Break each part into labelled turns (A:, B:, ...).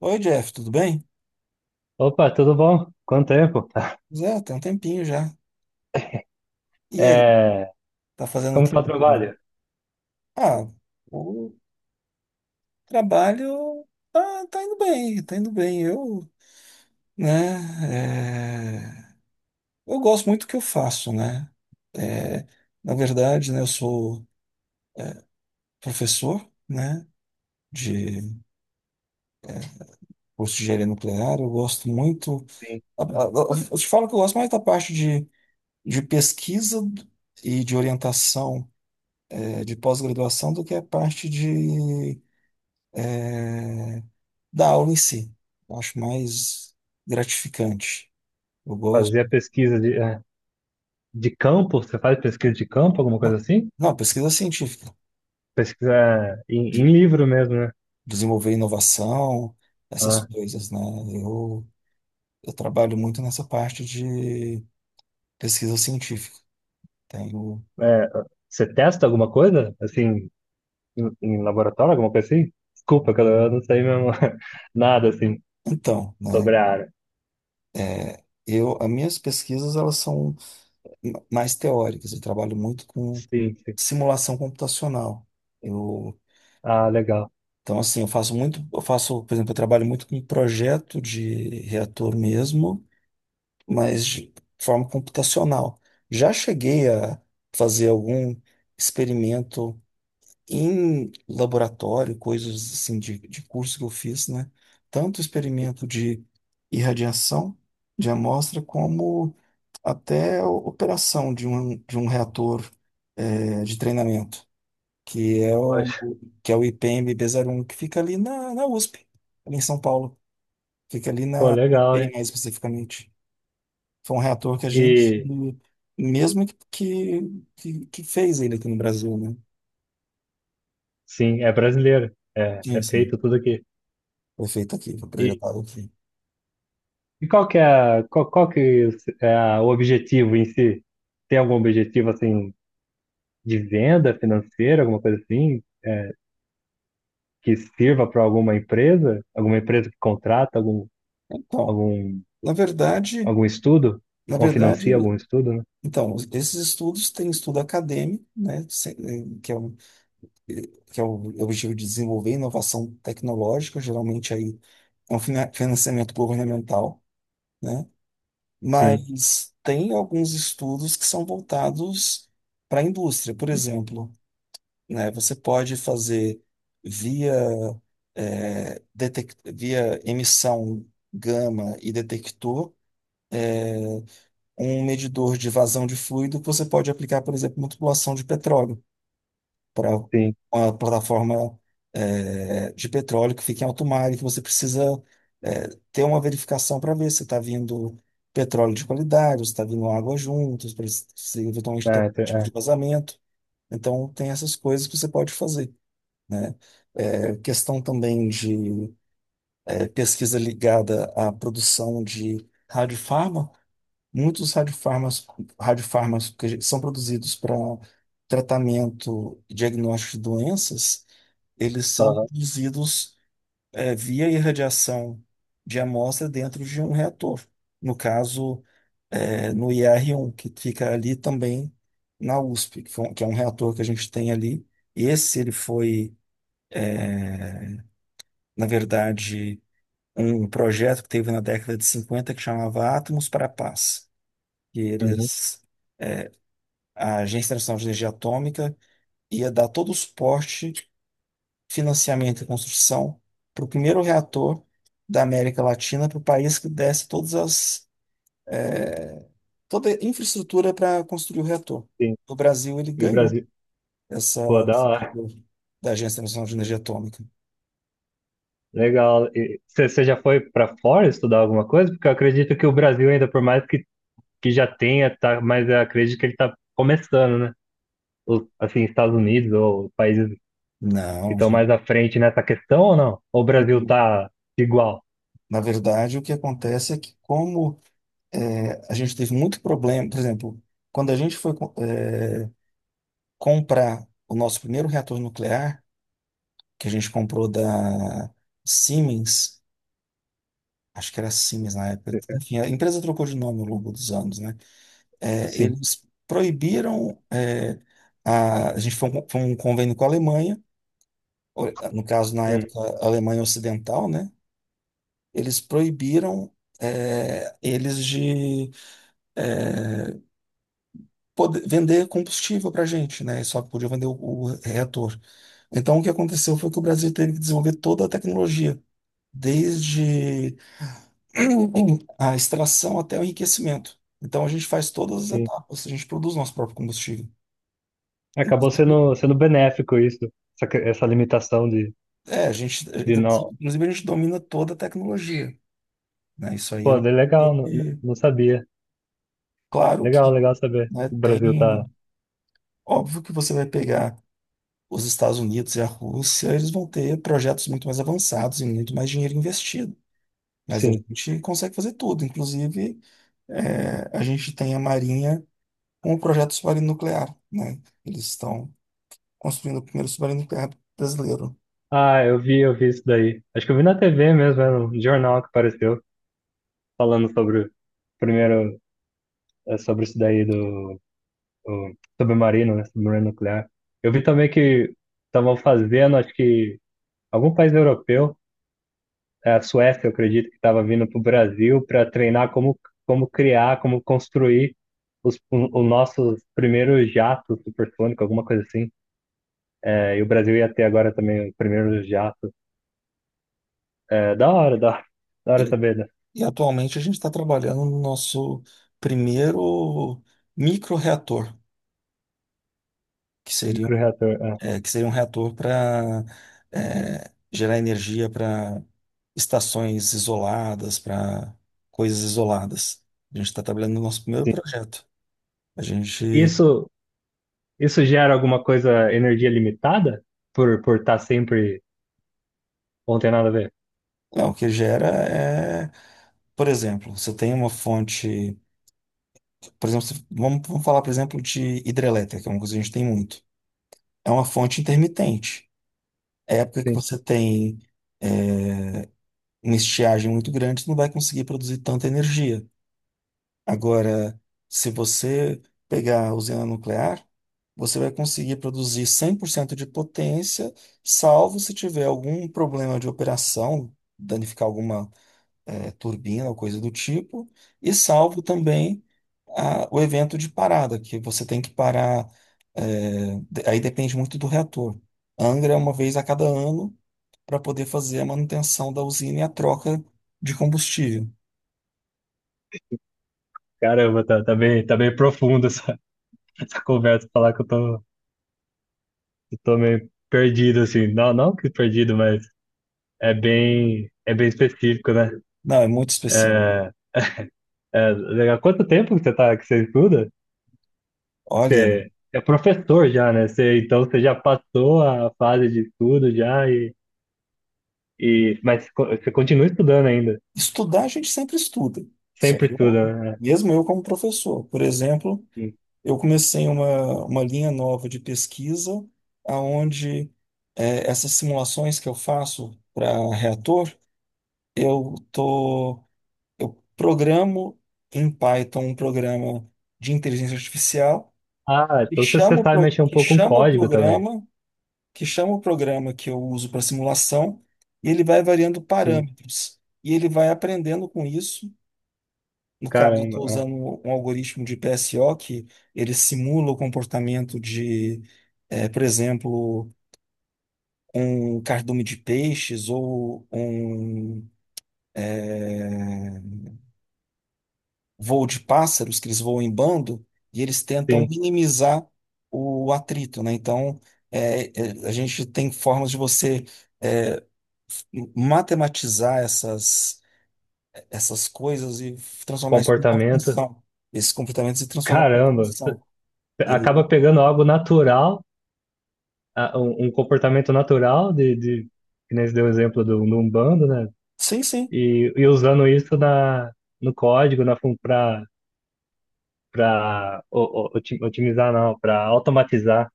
A: Oi, Jeff, tudo bem?
B: Opa, tudo bom? Quanto tempo?
A: Zé, tem um tempinho já. E aí,
B: É,
A: tá fazendo o
B: como
A: que
B: está o
A: de bom?
B: trabalho?
A: Ah, o trabalho tá indo bem, tá indo bem. Eu, né, é, eu gosto muito do que eu faço, né? É, Na verdade, né, eu sou professor, né, de curso de engenharia nuclear. Eu gosto muito.
B: Sim.
A: Eu te falo que eu gosto mais da parte de pesquisa e de orientação, de pós-graduação do que a parte de é, da aula em si. Eu acho mais gratificante. Eu
B: Fazer
A: gosto.
B: pesquisa de, é, de campo? Você faz pesquisa de campo, alguma coisa
A: Não,
B: assim?
A: não, pesquisa científica.
B: Pesquisa em,
A: De-
B: em livro mesmo, né?
A: Desenvolver inovação, essas
B: Ah,
A: coisas, né? Eu, eu trabalho muito nessa parte de pesquisa científica. Tenho...
B: é, você testa alguma coisa, assim, em laboratório, alguma coisa assim? Desculpa, cara, eu não sei mesmo nada, assim,
A: Então, né?
B: sobre a área.
A: As minhas pesquisas, elas são mais teóricas. Eu trabalho muito com
B: Sim, sim.
A: simulação computacional. Eu
B: Ah, legal.
A: Então, assim, eu faço muito, eu faço, por exemplo, eu trabalho muito com projeto de reator mesmo, mas de forma computacional. Já cheguei a fazer algum experimento em laboratório, coisas assim de curso que eu fiz, né? Tanto experimento de irradiação de amostra, como até operação de um reator, de treinamento que é o,
B: Poxa,
A: que é o ipmb um que fica ali na USP, ali em São Paulo. Fica ali
B: pô,
A: na
B: legal, hein?
A: IPEI, mais especificamente. Foi um reator que a gente,
B: E,
A: mesmo que fez ele aqui no Brasil, né?
B: sim, é brasileiro. É, é
A: Sim, sim.
B: feito tudo aqui.
A: Foi feito aqui, foi projetado aqui.
B: E qual que é, qual, qual que é o objetivo em si? Tem algum objetivo assim de venda financeira, alguma coisa assim, que sirva para alguma empresa que contrata algum,
A: Então,
B: algum,
A: na verdade,
B: algum estudo
A: na
B: ou financia algum
A: verdade,
B: estudo, né?
A: então, esses estudos têm estudo acadêmico, né? Eh, que é o objetivo de desenvolver inovação tecnológica, geralmente aí é um financiamento governamental, né?
B: Sim,
A: Mas tem alguns estudos que são voltados para a indústria. Por exemplo, né, você pode fazer via, via emissão gama e detector é, um medidor de vazão de fluido que você pode aplicar, por exemplo, na tubulação de petróleo para
B: sim.
A: uma plataforma de petróleo que fica em alto mar e que você precisa ter uma verificação para ver se está vindo petróleo de qualidade, se está vindo água juntos, para se eventualmente tem algum
B: É,
A: tipo de
B: é.
A: vazamento. Então, tem essas coisas que você pode fazer, né? Questão também de pesquisa ligada à produção de radiofarma. Muitos radiofarmas que são produzidos para tratamento e diagnóstico de doenças, eles são
B: Aham,
A: produzidos via irradiação de amostra dentro de um reator. No caso, no IR-1, que fica ali também na USP, que é um reator que a gente tem ali. Esse ele foi, na verdade, um projeto que teve na década de 50 que chamava Átomos para a Paz. E
B: uhum,
A: eles, a Agência Nacional de Energia Atômica ia dar todo o suporte, financiamento e construção para o primeiro reator da América Latina, para o país que desse toda a infraestrutura para construir o reator.
B: sim.
A: O Brasil ele
B: E o
A: ganhou
B: Brasil,
A: essa
B: pô, da hora.
A: da Agência Nacional de Energia Atômica.
B: Legal. Você já foi para fora estudar alguma coisa? Porque eu acredito que o Brasil ainda, por mais que já tenha, tá, mas eu acredito que ele está começando, né? Os, assim, Estados Unidos ou países que
A: Não,
B: estão mais
A: gente.
B: à frente nessa questão ou não? Ou o Brasil tá igual?
A: Na verdade, o que acontece é que como a gente teve muito problema, por exemplo, quando a gente foi comprar o nosso primeiro reator nuclear, que a gente comprou da Siemens, acho que era Siemens na época. Enfim, a empresa trocou de nome ao longo dos anos, né? É,
B: Sim.
A: eles proibiram, a gente foi um convênio com a Alemanha, ou, no caso, na
B: Hum.
A: época, a Alemanha Ocidental, né? Eles proibiram, eles de é, poder, vender combustível para a gente, né? Só podia vender o reator. Então, o que aconteceu foi que o Brasil teve que desenvolver toda a tecnologia, desde a extração até o enriquecimento. Então a gente faz todas as
B: Sim.
A: etapas, a gente produz nosso próprio combustível.
B: Acabou
A: Inclusive,
B: sendo, sendo benéfico isso, essa, essa limitação
A: É, a gente,
B: de não.
A: Inclusive a gente domina toda a tecnologia, né? Isso aí é
B: Pô, é
A: uma
B: legal,
A: coisa
B: não,
A: que,
B: não sabia.
A: claro
B: Legal,
A: que,
B: legal saber.
A: né,
B: O Brasil tá.
A: óbvio que você vai pegar os Estados Unidos e a Rússia, eles vão ter projetos muito mais avançados e muito mais dinheiro investido. Mas a
B: Sim.
A: gente consegue fazer tudo, inclusive a gente tem a Marinha com o projeto submarino nuclear, né? Eles estão construindo o primeiro submarino nuclear brasileiro.
B: Ah, eu vi isso daí. Acho que eu vi na TV mesmo, era um jornal que apareceu falando sobre o primeiro, é, sobre isso daí do o submarino, né? Submarino nuclear. Eu vi também que estavam fazendo, acho que algum país europeu, é, a Suécia, eu acredito, que estava vindo para o Brasil para treinar como, como criar, como construir os, o, os nossos primeiros jatos supersônicos, alguma coisa assim. É, e o Brasil ia ter agora também o primeiro jato. É, da hora, da
A: E,
B: hora saber, né?
A: e atualmente a gente está trabalhando no nosso primeiro microreator, que seria,
B: Microreator. É,
A: que seria um reator para gerar energia para estações isoladas, para coisas isoladas. A gente está trabalhando no nosso primeiro projeto. A gente,
B: Isso, isso gera alguma coisa, energia limitada? Por estar sempre. Ou não tem nada a ver?
A: não, o que gera é, por exemplo, você tem uma fonte, por exemplo, vamos falar, por exemplo, de hidrelétrica, que é uma coisa que a gente tem muito. É uma fonte intermitente. Época que você tem é, uma estiagem muito grande, você não vai conseguir produzir tanta energia. Agora, se você pegar a usina nuclear, você vai conseguir produzir 100% de potência, salvo se tiver algum problema de operação, danificar alguma turbina ou coisa do tipo, e salvo também o evento de parada, que você tem que parar. Aí depende muito do reator. Angra é uma vez a cada ano para poder fazer a manutenção da usina e a troca de combustível.
B: Caramba, tá, tá bem profundo essa, essa conversa, falar que eu tô meio perdido, assim. Não, não que perdido, mas é bem específico, né?
A: Não, é muito específico.
B: É, é, legal. Quanto tempo que você tá, que você estuda?
A: Olha,
B: Você é professor já, né? Você, então você já passou a fase de estudo já e mas você continua estudando ainda.
A: estudar a gente sempre estuda, só
B: Sempre
A: que
B: estuda, né?
A: mesmo eu como professor. Por exemplo,
B: Sim.
A: eu comecei uma linha nova de pesquisa, aonde essas simulações que eu faço para reator, eu tô, eu programo em Python um programa de inteligência artificial
B: Ah, então você, você sabe mexer um
A: que
B: pouco com
A: chama o
B: código também.
A: programa, que eu uso para simulação, e ele vai variando
B: Sim,
A: parâmetros. E ele vai aprendendo com isso. No caso, eu
B: caramba.
A: estou
B: Ah,
A: usando um algoritmo de PSO que ele simula o comportamento de, por exemplo, um cardume de peixes ou um eh, voo de pássaros, que eles voam em bando, e eles tentam
B: sim,
A: minimizar o atrito, né? Então, a gente tem formas de você eh, matematizar essas coisas e transformar isso numa
B: comportamento.
A: função, esses comportamentos e transformar em
B: Caramba.
A: função.
B: Acaba pegando algo natural, um, um comportamento natural de que nem você deu o exemplo do, do Umbanda, né?
A: Sim, sim,
B: E usando isso na, no código, na para para otimizar não, para automatizar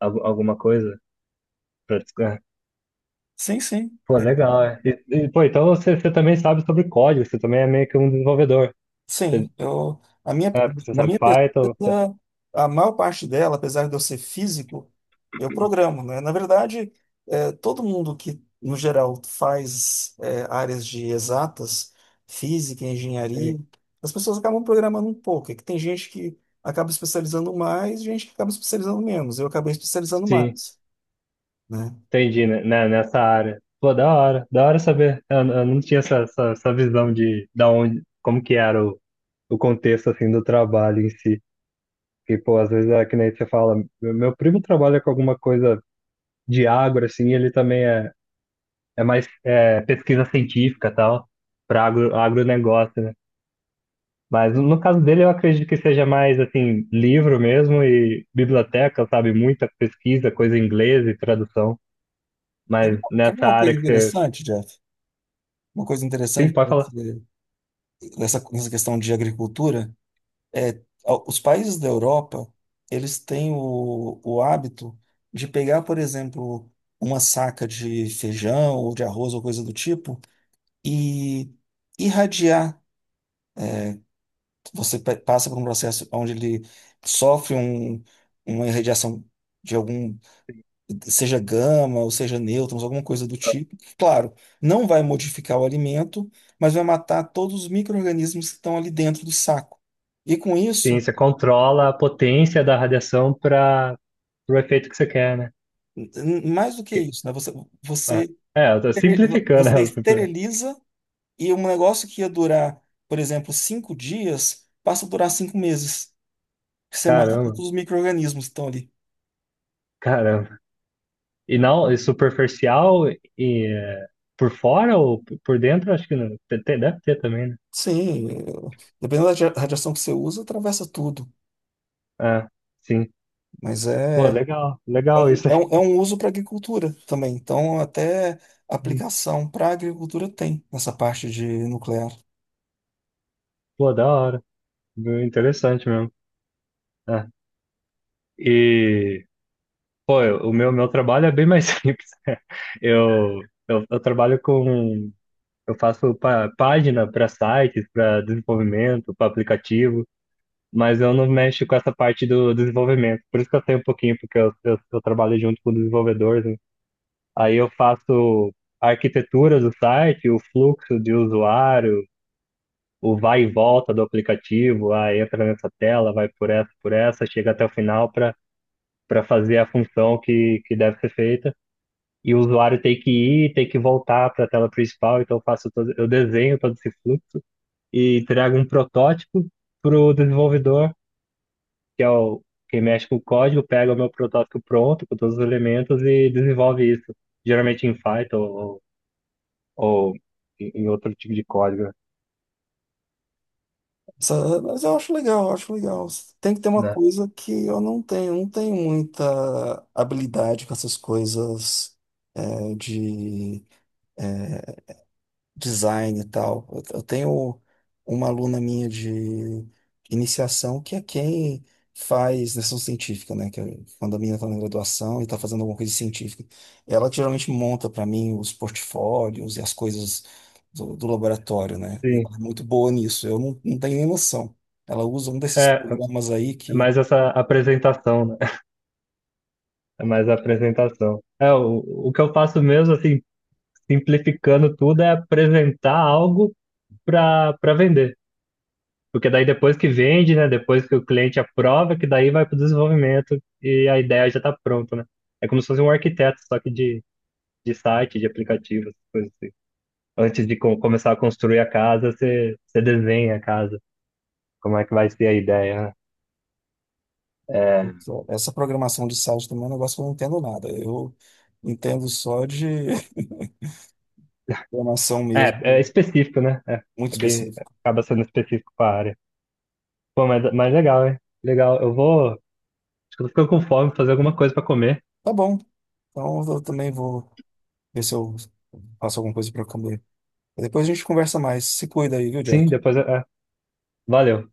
B: alguma coisa. É.
A: sim, sim,
B: Pô, legal, é. E, pô, então você, você também sabe sobre código, você também é meio que um desenvolvedor. Você,
A: sim. Eu, a minha,
B: é, porque você
A: na
B: sabe
A: minha
B: Python,
A: pesquisa, a maior parte dela, apesar de eu ser físico, eu programo, né? Na verdade, todo mundo que, no geral, faz, áreas de exatas, física,
B: sim.
A: engenharia, as pessoas acabam programando um pouco. É que tem gente que acaba especializando mais, gente que acaba especializando menos. Eu acabei especializando
B: Sim.
A: mais, né?
B: Entendi, né? Né, nessa área. Pô, da hora saber. Eu não tinha essa, essa, essa visão de da onde, como que era o contexto assim do trabalho em si. Porque, pô, às vezes é que nem você fala, meu primo trabalha com alguma coisa de agro, assim, ele também é, é mais é, pesquisa científica e tal, para agro, agronegócio, né? Mas no caso dele, eu acredito que seja mais, assim, livro mesmo e biblioteca, sabe? Muita pesquisa, coisa em inglês e tradução.
A: Tem,
B: Mas
A: tem
B: nessa
A: uma
B: área
A: coisa
B: que você.
A: interessante, Jeff? Uma coisa
B: Sim,
A: interessante
B: pode falar.
A: nessa questão de agricultura. é, os países da Europa, eles têm o hábito de pegar, por exemplo, uma saca de feijão ou de arroz ou coisa do tipo e irradiar. Você passa por um processo onde ele sofre uma irradiação de algum, seja gama ou seja nêutrons, alguma coisa do tipo. Claro, não vai modificar o alimento, mas vai matar todos os micro-organismos que estão ali dentro do saco. E com
B: Sim,
A: isso,
B: você controla a potência da radiação para o efeito que você quer, né?
A: Mais do que
B: Que-
A: isso, né?
B: É,
A: Você,
B: é, eu tô
A: estere-
B: simplificando, né?
A: você esteriliza e um negócio que ia durar, por exemplo, 5 dias, passa a durar 5 meses. Você mata todos
B: Caramba,
A: os micro-organismos que estão ali.
B: caramba. E não, e superficial e é, por fora ou por dentro, acho que não. Deve ter também, né?
A: Sim, dependendo da radiação que você usa, atravessa tudo.
B: Ah, sim.
A: Mas
B: Pô, legal, legal isso.
A: é um uso para agricultura também. Então, até
B: Hum,
A: aplicação para agricultura tem nessa parte de nuclear.
B: pô, da hora. Bem interessante mesmo. Ah, e, pô, o meu, meu trabalho é bem mais simples. Eu, eu trabalho com eu faço página para sites, para desenvolvimento, para aplicativo, mas eu não mexo com essa parte do desenvolvimento. Por isso que eu sei um pouquinho, porque eu trabalho junto com desenvolvedores, né? Aí eu faço a arquitetura do site, o fluxo de usuário, o vai e volta do aplicativo, aí entra nessa tela, vai por essa, chega até o final para para fazer a função que deve ser feita. E o usuário tem que ir, tem que voltar para a tela principal, então eu faço todo, eu desenho todo esse fluxo e trago um protótipo para o desenvolvedor, que é o quem mexe com o código, pega o meu protótipo pronto, com todos os elementos e desenvolve isso. Geralmente em Python ou em outro tipo de código,
A: Mas eu acho legal, eu acho legal. Tem que ter uma
B: né?
A: coisa que eu não tenho, muita habilidade com essas coisas de design e tal. Eu tenho uma aluna minha de iniciação que é quem faz iniciação científica, né? Que é quando a menina está na graduação e está fazendo alguma coisa científica, ela que geralmente monta para mim os portfólios e as coisas do laboratório, né? E
B: Sim.
A: ela é muito boa nisso. Eu não, não tenho nem noção. Ela usa um desses
B: É,
A: programas aí que
B: mais essa apresentação, né? É mais a apresentação. É, o que eu faço mesmo, assim, simplificando tudo, é apresentar algo para para vender. Porque daí depois que vende, né? Depois que o cliente aprova, que daí vai para o desenvolvimento e a ideia já está pronta, né? É como se fosse um arquiteto, só que de site, de aplicativo, essas coisas assim. Antes de começar a construir a casa, você, você desenha a casa, como é que vai ser a ideia, né?
A: Essa programação de site também é um negócio que eu não entendo nada. Eu entendo só de programação
B: É, é
A: mesmo,
B: específico, né? É,
A: muito
B: é bem,
A: específico.
B: acaba sendo específico para a área. Pô, mas legal, hein? Legal. Eu vou. Acho que eu tô ficando com fome, fazer alguma coisa para comer.
A: Tá bom. Então eu também vou ver se eu faço alguma coisa pra comer. Depois a gente conversa mais. Se cuida aí, viu,
B: Sim,
A: Jack?
B: depois. É, é. Valeu.